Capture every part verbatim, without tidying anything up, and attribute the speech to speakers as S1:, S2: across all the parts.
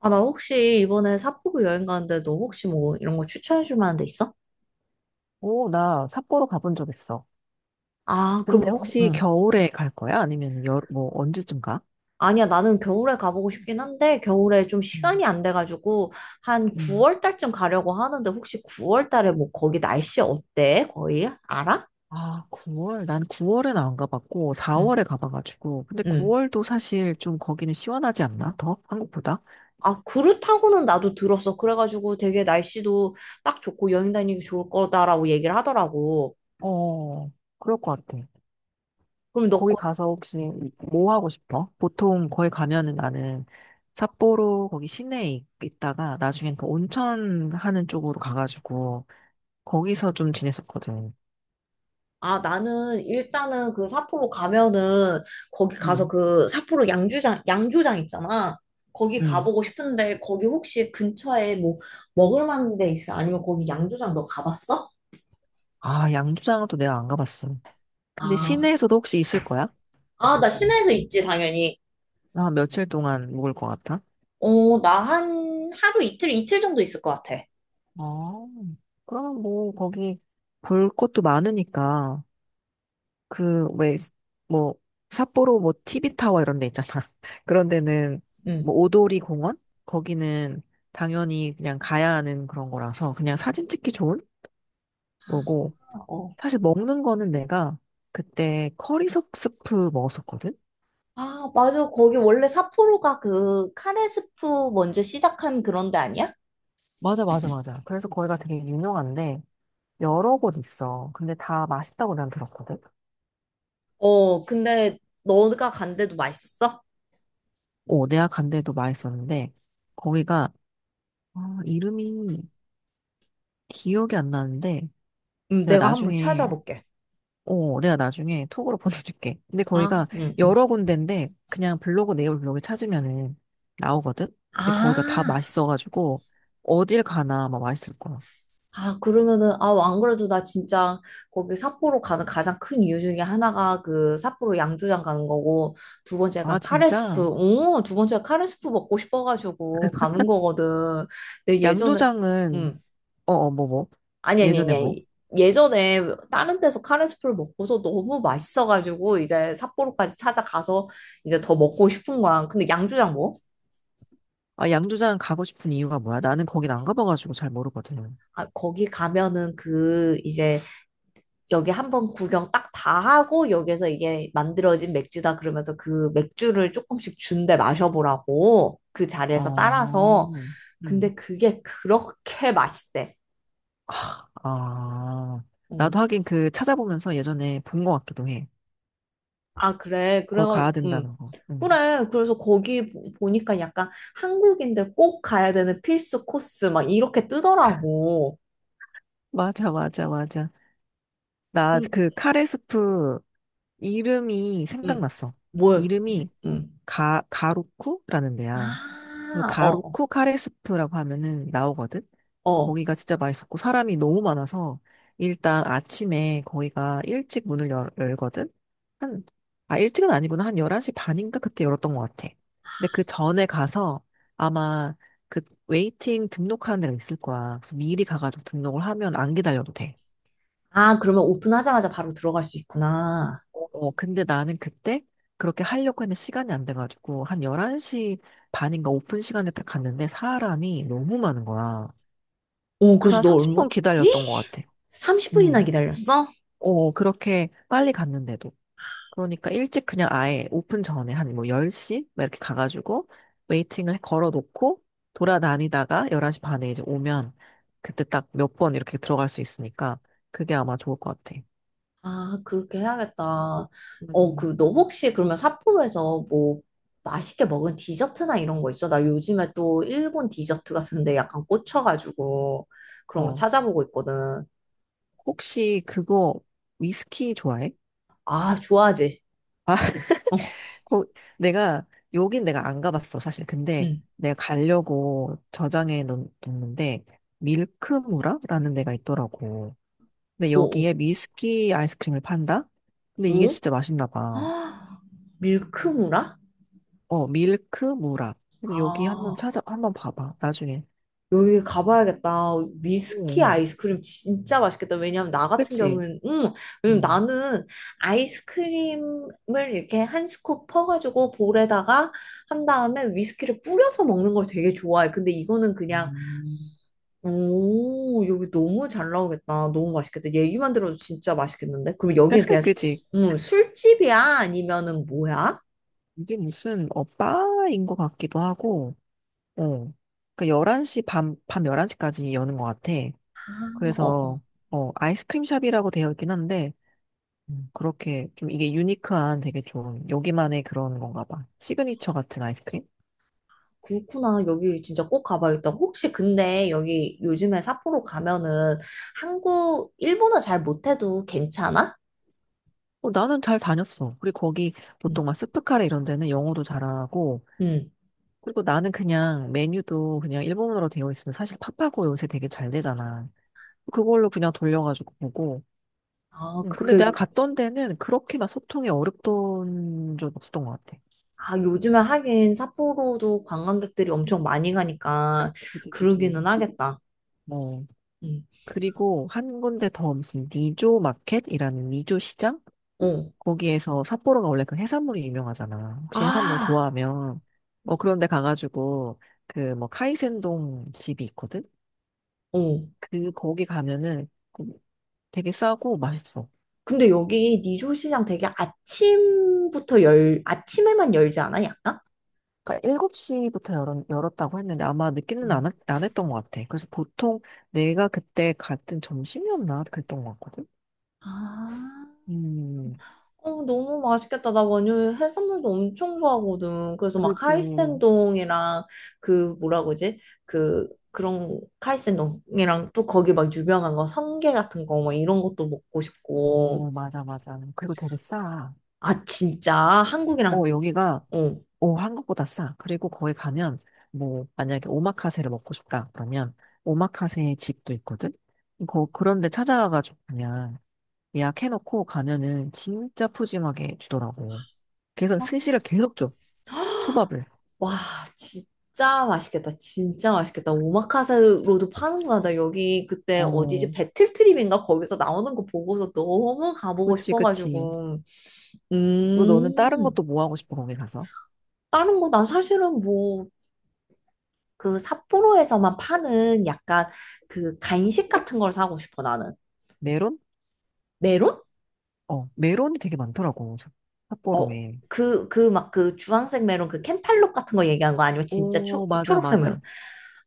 S1: 아, 나 혹시 이번에 삿포로 여행 가는데 너 혹시 뭐 이런 거 추천해 줄 만한 데 있어?
S2: 오, 나 삿포로 가본 적 있어.
S1: 아, 그
S2: 근데
S1: 럼 거-
S2: 혹시
S1: 응.
S2: 겨울에 갈 거야? 아니면 여, 뭐 언제쯤 가?
S1: 아니야, 나는 겨울에 가보고 싶긴 한데, 겨울에 좀
S2: 음,
S1: 시간이 안 돼가지고, 한
S2: 음.
S1: 구월 달쯤 가려고 하는데, 혹시 구월 달에 뭐 거기 날씨 어때? 거의? 알아?
S2: 아, 구월? 난 구월에는 안 가봤고
S1: 응,
S2: 사월에 가봐가지고. 근데
S1: 응.
S2: 구월도 사실 좀 거기는 시원하지 않나? 더? 한국보다?
S1: 아, 그렇다고는 나도 들었어. 그래가지고 되게 날씨도 딱 좋고 여행 다니기 좋을 거다라고 얘기를 하더라고.
S2: 어, 그럴 것 같아.
S1: 그럼 너
S2: 거기 가서 혹시 뭐 하고 싶어? 보통 거기 가면은 나는 삿포로 거기 시내에 있- 있다가 나중엔 그 온천 하는 쪽으로 가가지고 거기서 좀 지냈었거든.
S1: 아, 나는 일단은 그 삿포로 가면은 거기 가서 그 삿포로 양주장, 양조장 있잖아. 거기
S2: 음.
S1: 가보고 싶은데 거기 혹시 근처에 뭐 먹을 만한 데 있어? 아니면 거기 양조장 너 가봤어?
S2: 아, 양주장은 또 내가 안 가봤어. 근데
S1: 아,
S2: 시내에서도 혹시 있을 거야?
S1: 아, 나 시내에서 있지, 당연히.
S2: 나 며칠 동안 묵을 것 같아?
S1: 어, 나 한 하루 이틀, 이틀 정도 있을 것 같아.
S2: 어, 그러면 뭐, 거기 볼 것도 많으니까, 그, 왜, 뭐, 삿포로 뭐, 티비 타워 이런 데 있잖아. 그런 데는,
S1: 응.
S2: 뭐, 오도리 공원? 거기는 당연히 그냥 가야 하는 그런 거라서, 그냥 사진 찍기 좋은 거고,
S1: 아, 어.
S2: 사실 먹는 거는 내가 그때 커리석 스프 먹었었거든?
S1: 아, 맞아. 거기 원래 삿포로가 그 카레스프 먼저 시작한 그런 데 아니야?
S2: 맞아, 맞아, 맞아. 그래서 거기가 되게 유명한데, 여러 곳 있어. 근데 다 맛있다고 난 들었거든.
S1: 어, 근데 너가 간 데도 맛있었어?
S2: 어, 내가 간 데도 맛있었는데, 거기가, 아, 이름이 기억이 안 나는데,
S1: 음,
S2: 내가
S1: 내가 한번
S2: 나중에,
S1: 찾아볼게.
S2: 어, 내가 나중에 톡으로 보내줄게. 근데
S1: 아,
S2: 거기가
S1: 응. 응.
S2: 여러 군데인데, 그냥 블로그, 네이버 블로그 찾으면은 나오거든? 근데 거기가 다
S1: 아,
S2: 맛있어가지고, 어딜 가나 막 맛있을 거야.
S1: 아, 그러면은, 아, 안 그래도 나 진짜 거기 삿포로 가는 가장 큰 이유 중에 하나가 그 삿포로 양조장 가는 거고, 두
S2: 아,
S1: 번째가 카레스프,
S2: 진짜?
S1: 오, 두 번째가 카레스프 먹고 싶어가지고 가는 거거든. 근데 예전에,
S2: 양조장은,
S1: 음,
S2: 어, 어, 뭐, 뭐.
S1: 아니, 아니,
S2: 예전에
S1: 아니,
S2: 뭐?
S1: 아니. 예전에 다른 데서 카레스프를 먹고서 너무 맛있어가지고 이제 삿포로까지 찾아가서 이제 더 먹고 싶은 거야. 근데 양조장 뭐?
S2: 아, 양조장 가고 싶은 이유가 뭐야? 나는 거긴 안 가봐가지고 잘 모르거든.
S1: 아, 거기 가면은 그 이제 여기 한번 구경 딱 다 하고 여기서 이게 만들어진 맥주다 그러면서 그 맥주를 조금씩 준대 마셔보라고 그 자리에서
S2: 아,
S1: 따라서
S2: 음,
S1: 근데 그게 그렇게 맛있대.
S2: 아. 나도
S1: 음.
S2: 하긴 그 찾아보면서 예전에 본 것 같기도 해.
S1: 아 그래
S2: 거기
S1: 그래가
S2: 가야
S1: 음.
S2: 된다는 거. 음.
S1: 그래 그래서 거기 보- 보니까 약간 한국인들 꼭 가야 되는 필수 코스 막 이렇게 뜨더라고.
S2: 맞아, 맞아, 맞아. 나
S1: 그,
S2: 그 카레 스프 이름이
S1: 음.
S2: 생각났어.
S1: 뭐였지?
S2: 이름이
S1: 음.
S2: 가, 가로쿠라는 데야. 그
S1: 아, 어,
S2: 가루쿠 카레스프라고 하면은 나오거든?
S1: 어. 어.
S2: 거기가 진짜 맛있었고, 사람이 너무 많아서, 일단 아침에 거기가 일찍 문을 열, 열거든? 한, 아, 일찍은 아니구나. 한 열한 시 반인가 그때 열었던 것 같아. 근데 그 전에 가서 아마 그 웨이팅 등록하는 데가 있을 거야. 그래서 미리 가가지고 등록을 하면 안 기다려도 돼.
S1: 아, 그러면 오픈하자마자 바로 들어갈 수 있구나.
S2: 어, 근데 나는 그때 그렇게 하려고 했는데 시간이 안 돼가지고, 한 열한 시 반인가 오픈 시간에 딱 갔는데 사람이 너무 많은 거야.
S1: 오,
S2: 그래서
S1: 그래서
S2: 한
S1: 너 얼마?
S2: 삼십 분
S1: 에?
S2: 기다렸던 것 같아.
S1: 삼십 분이나
S2: 음.
S1: 기다렸어?
S2: 어, 그렇게 빨리 갔는데도. 그러니까 일찍 그냥 아예 오픈 전에 한 뭐 열 시? 막 이렇게 가가지고 웨이팅을 걸어 놓고 돌아다니다가 열한 시 반에 이제 오면 그때 딱 몇 번 이렇게 들어갈 수 있으니까 그게 아마 좋을 것 같아.
S1: 아, 그렇게 해야겠다. 어,
S2: 음.
S1: 그, 너 혹시 그러면 삿포로에서 뭐 맛있게 먹은 디저트나 이런 거 있어? 나 요즘에 또 일본 디저트 같은데 약간 꽂혀가지고 그런 거
S2: 어.
S1: 찾아보고 있거든.
S2: 혹시 그거 위스키 좋아해?
S1: 아, 좋아하지?
S2: 거, 내가, 여긴 내가 안 가봤어, 사실. 근데
S1: 응.
S2: 내가 가려고 저장해 놓- 놓는데, 밀크무라라는 데가 있더라고. 근데
S1: 오, 오,
S2: 여기에 미스키 아이스크림을 판다? 근데 이게
S1: 오.
S2: 진짜 맛있나 봐.
S1: 아, 밀크무라?
S2: 어, 밀크무라. 그래서 여기 한번
S1: 아,
S2: 찾아, 한번 봐봐, 나중에.
S1: 여기 가봐야겠다. 위스키
S2: 응, 응.
S1: 아이스크림 진짜 맛있겠다. 왜냐면 나 같은
S2: 그치?
S1: 경우는, 음, 왜냐면
S2: 응.
S1: 나는 아이스크림을 이렇게 한 스쿱 퍼가지고 볼에다가 한 다음에 위스키를 뿌려서 먹는 걸 되게 좋아해. 근데 이거는 그냥,
S2: 음.
S1: 오, 여기 너무 잘 나오겠다. 너무 맛있겠다. 얘기만 들어도 진짜 맛있겠는데? 그럼 여기는 그냥,
S2: 그치?
S1: 음, 술집이야? 아니면은 뭐야?
S2: 이게 무슨, 어, 바인 것 같기도 하고, 어. 그 열한 시, 밤, 밤 열한 시까지 여는 것 같아.
S1: 아, 어,
S2: 그래서
S1: 어.
S2: 어 아이스크림 샵이라고 되어 있긴 한데 음, 그렇게 좀 이게 유니크한 되게 좋은 여기만의 그런 건가 봐. 시그니처 같은 아이스크림?
S1: 그렇구나. 여기 진짜 꼭 가봐야겠다. 혹시 근데 여기 요즘에 삿포로 가면은 한국, 일본어 잘 못해도 괜찮아?
S2: 어, 나는 잘 다녔어. 그리고 거기
S1: 응.
S2: 보통 막 스프카레 이런 데는 영어도 잘하고
S1: 응.
S2: 그리고 나는 그냥 메뉴도 그냥 일본어로 되어 있으면 사실 팝하고 요새 되게 잘 되잖아. 그걸로 그냥 돌려가지고 보고.
S1: 아,
S2: 음, 근데
S1: 그렇게,
S2: 내가
S1: 요-
S2: 갔던 데는 그렇게 막 소통이 어렵던 적 없었던 것 같아.
S1: 아, 요즘에 하긴 삿포로도 관광객들이 엄청 많이 가니까
S2: 그지, 그지.
S1: 그러기는 하겠다. 응.
S2: 그리고 한 군데 더 무슨 니조 마켓이라는 니조 시장?
S1: 어.
S2: 거기에서 삿포로가 원래 그 해산물이 유명하잖아. 혹시 해산물
S1: 아,
S2: 좋아하면 어 그런데 가가지고 그 뭐 카이센동 집이 있거든.
S1: 어.
S2: 그 거기 가면은 음, 되게 싸고 맛있어.
S1: 근데 여기 니조 시장 되게 아침부터 열, 아침에만 열지 않아? 약간?
S2: 그러니까 일곱 시부터 열었, 열었다고 했는데 아마 늦게는
S1: 응.
S2: 안, 했- 안 했던 것 같아. 그래서 보통 내가 그때 갔던 점심이었나 그랬던 것 같거든.
S1: 아.
S2: 음,
S1: 어, 너무 맛있겠다. 나 완전 해산물도 엄청 좋아하거든. 그래서 막
S2: 그지.
S1: 카이센동이랑 그 뭐라 그러지? 그 그런 카이센동이랑 또 거기 막 유명한 거 성게 같은 거 막 이런 것도 먹고 싶고.
S2: 오, 맞아, 맞아. 그리고 되게 싸.
S1: 아, 진짜 한국이랑
S2: 어, 여기가
S1: 어.
S2: 오, 한국보다 싸. 그리고 거기 가면, 뭐, 만약에 오마카세를 먹고 싶다. 그러면, 오마카세 집도 있거든? 거, 그런데 찾아가가지고 그냥 예약해놓고 가면은 진짜 푸짐하게 주더라고. 그래서 스시를 계속 줘. 초밥을.
S1: 와, 진짜 맛있겠다. 진짜 맛있겠다. 오마카세로도 파는구나. 나 여기 그때 어디지?
S2: 어,
S1: 배틀트립인가? 거기서 나오는 거 보고서 너무 가보고
S2: 그치, 그치.
S1: 싶어가지고.
S2: 뭐, 너는 다른
S1: 음.
S2: 것도 뭐 하고 싶어, 거기 가서?
S1: 다른 거, 난 사실은 뭐, 그 삿포로에서만 파는 약간 그 간식 같은 걸 사고 싶어, 나는.
S2: 메론?
S1: 메론?
S2: 어, 메론이 되게 많더라고. 삿-
S1: 어,
S2: 삿포로에.
S1: 그, 그 막 그 주황색 메론, 그 캔탈록 같은 거 얘기한 거 아니면 진짜 초,
S2: 오, 맞아,
S1: 초록색
S2: 맞아.
S1: 메론?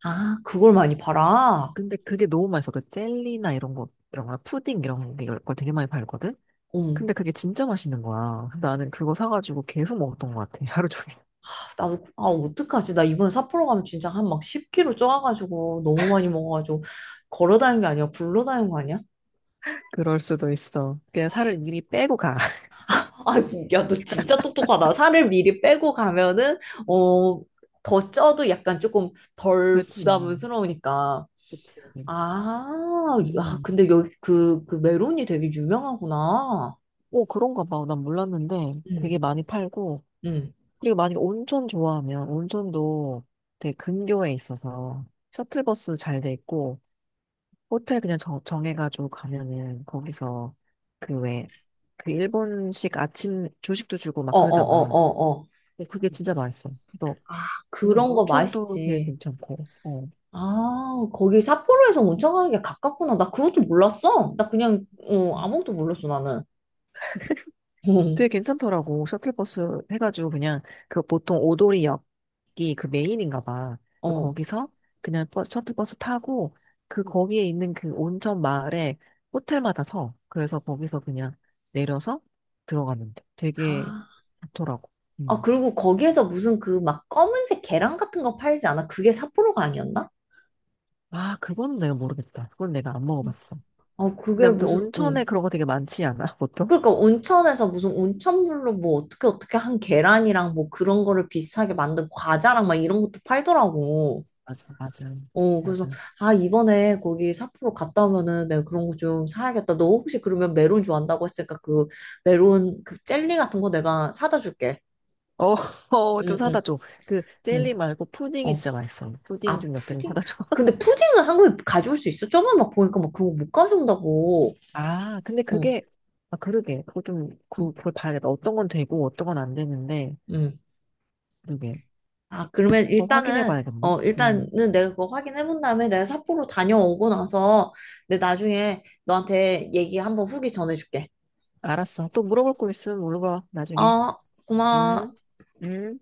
S1: 아, 그걸 많이 팔아?
S2: 근데 그게 너무 맛있어. 그 젤리나 이런 거, 이런 거, 푸딩 이런 게- 이런 걸 되게 많이 팔거든?
S1: 음,
S2: 근데 그게 진짜 맛있는 거야. 근데 나는 그거 사가지고 계속 먹었던 것 같아. 하루 종일.
S1: 아, 나도, 그, 아, 어떡하지? 나 이번에 삿포로 가면 진짜 한 막 십 킬로그램 쪄가지고 너무 많이 먹어가지고 걸어 다니는 게 아니라 굴러 다니는 거 아니야?
S2: 그럴 수도 있어. 그냥 살을 미리 빼고 가.
S1: 아, 야, 너 진짜 똑똑하다. 살을 미리 빼고 가면은, 어, 더 쪄도 약간 조금 덜
S2: 그렇지.
S1: 부담스러우니까.
S2: 그치.
S1: 아, 야,
S2: 음.
S1: 근데 여기 그, 그 메론이 되게 유명하구나.
S2: 오, 그런가 봐. 난 몰랐는데 되게
S1: 응,
S2: 많이 팔고.
S1: 응.
S2: 그리고 만약에 온천 좋아하면 온천도 되게 근교에 있어서 셔틀버스 잘 돼 있고 호텔 그냥 정, 정해가지고 가면은 거기서 그 왜, 그 일본식 아침 조식도 주고 막
S1: 어, 어, 어,
S2: 그러잖아.
S1: 어, 어.
S2: 근데 그게 진짜 맛있어. 너
S1: 아,
S2: 그냥
S1: 그런 거
S2: 온천도 되게
S1: 맛있지.
S2: 괜찮고, 어.
S1: 아, 거기 삿포로에서 온천가게 가깝구나. 나 그것도 몰랐어. 나 그냥, 어,
S2: 음.
S1: 아무것도 몰랐어, 나는.
S2: 되게 괜찮더라고. 셔틀버스 해가지고 그냥 그 보통 오도리역이 그 메인인가 봐. 그래서
S1: 어.
S2: 거기서 그냥 버스, 셔틀버스 타고 그 거기에 있는 그 온천 마을에 호텔마다 서. 그래서 거기서 그냥 내려서 들어가는데 되게
S1: 아.
S2: 좋더라고.
S1: 아,
S2: 음.
S1: 그리고 거기에서 무슨 그 막 검은색 계란 같은 거 팔지 않아? 그게 삿포로가 아니었나?
S2: 아, 그건 내가 모르겠다. 그건 내가 안 먹어봤어.
S1: 아,
S2: 근데
S1: 그게
S2: 아무튼
S1: 무슨,
S2: 온천에
S1: 음.
S2: 그런 거 되게 많지 않아, 보통?
S1: 그러니까 온천에서 무슨 온천물로 뭐 어떻게 어떻게 한 계란이랑 뭐 그런 거를 비슷하게 만든 과자랑 막 이런 것도 팔더라고.
S2: 맞아, 맞아,
S1: 어, 그래서,
S2: 맞아.
S1: 아, 이번에 거기 삿포로 갔다 오면은 내가 그런 거 좀 사야겠다. 너 혹시 그러면 메론 좋아한다고 했으니까 그 메론 그 젤리 같은 거 내가 사다 줄게.
S2: 어, 어, 좀
S1: 응,
S2: 사다
S1: 응,
S2: 줘. 그, 젤리
S1: 응.
S2: 말고 푸딩이
S1: 어,
S2: 진짜 맛있어. 푸딩
S1: 아,
S2: 좀 몇 개는
S1: 푸딩?
S2: 사다 줘.
S1: 근데 푸딩은 한국에 가져올 수 있어? 저번에 막 보니까 막 그런 거 못 가져온다고.
S2: 아, 근데
S1: 어,
S2: 그게, 아, 그러게. 그거 좀,
S1: 어,
S2: 그, 그걸 봐야겠다. 어떤 건 되고, 어떤 건 안 되는데,
S1: 음.
S2: 그러게.
S1: 아, 그러면
S2: 한번 확인해
S1: 일단은,
S2: 봐야겠네.
S1: 어,
S2: 응.
S1: 일단은 내가 그거 확인해 본 다음에 내가 삿포로 다녀오고 나서 내 나중에 너한테 얘기 한번 후기 전해줄게.
S2: 알았어. 또 물어볼 거 있으면 물어봐, 나중에.
S1: 어,
S2: 응?
S1: 고마워.
S2: 응?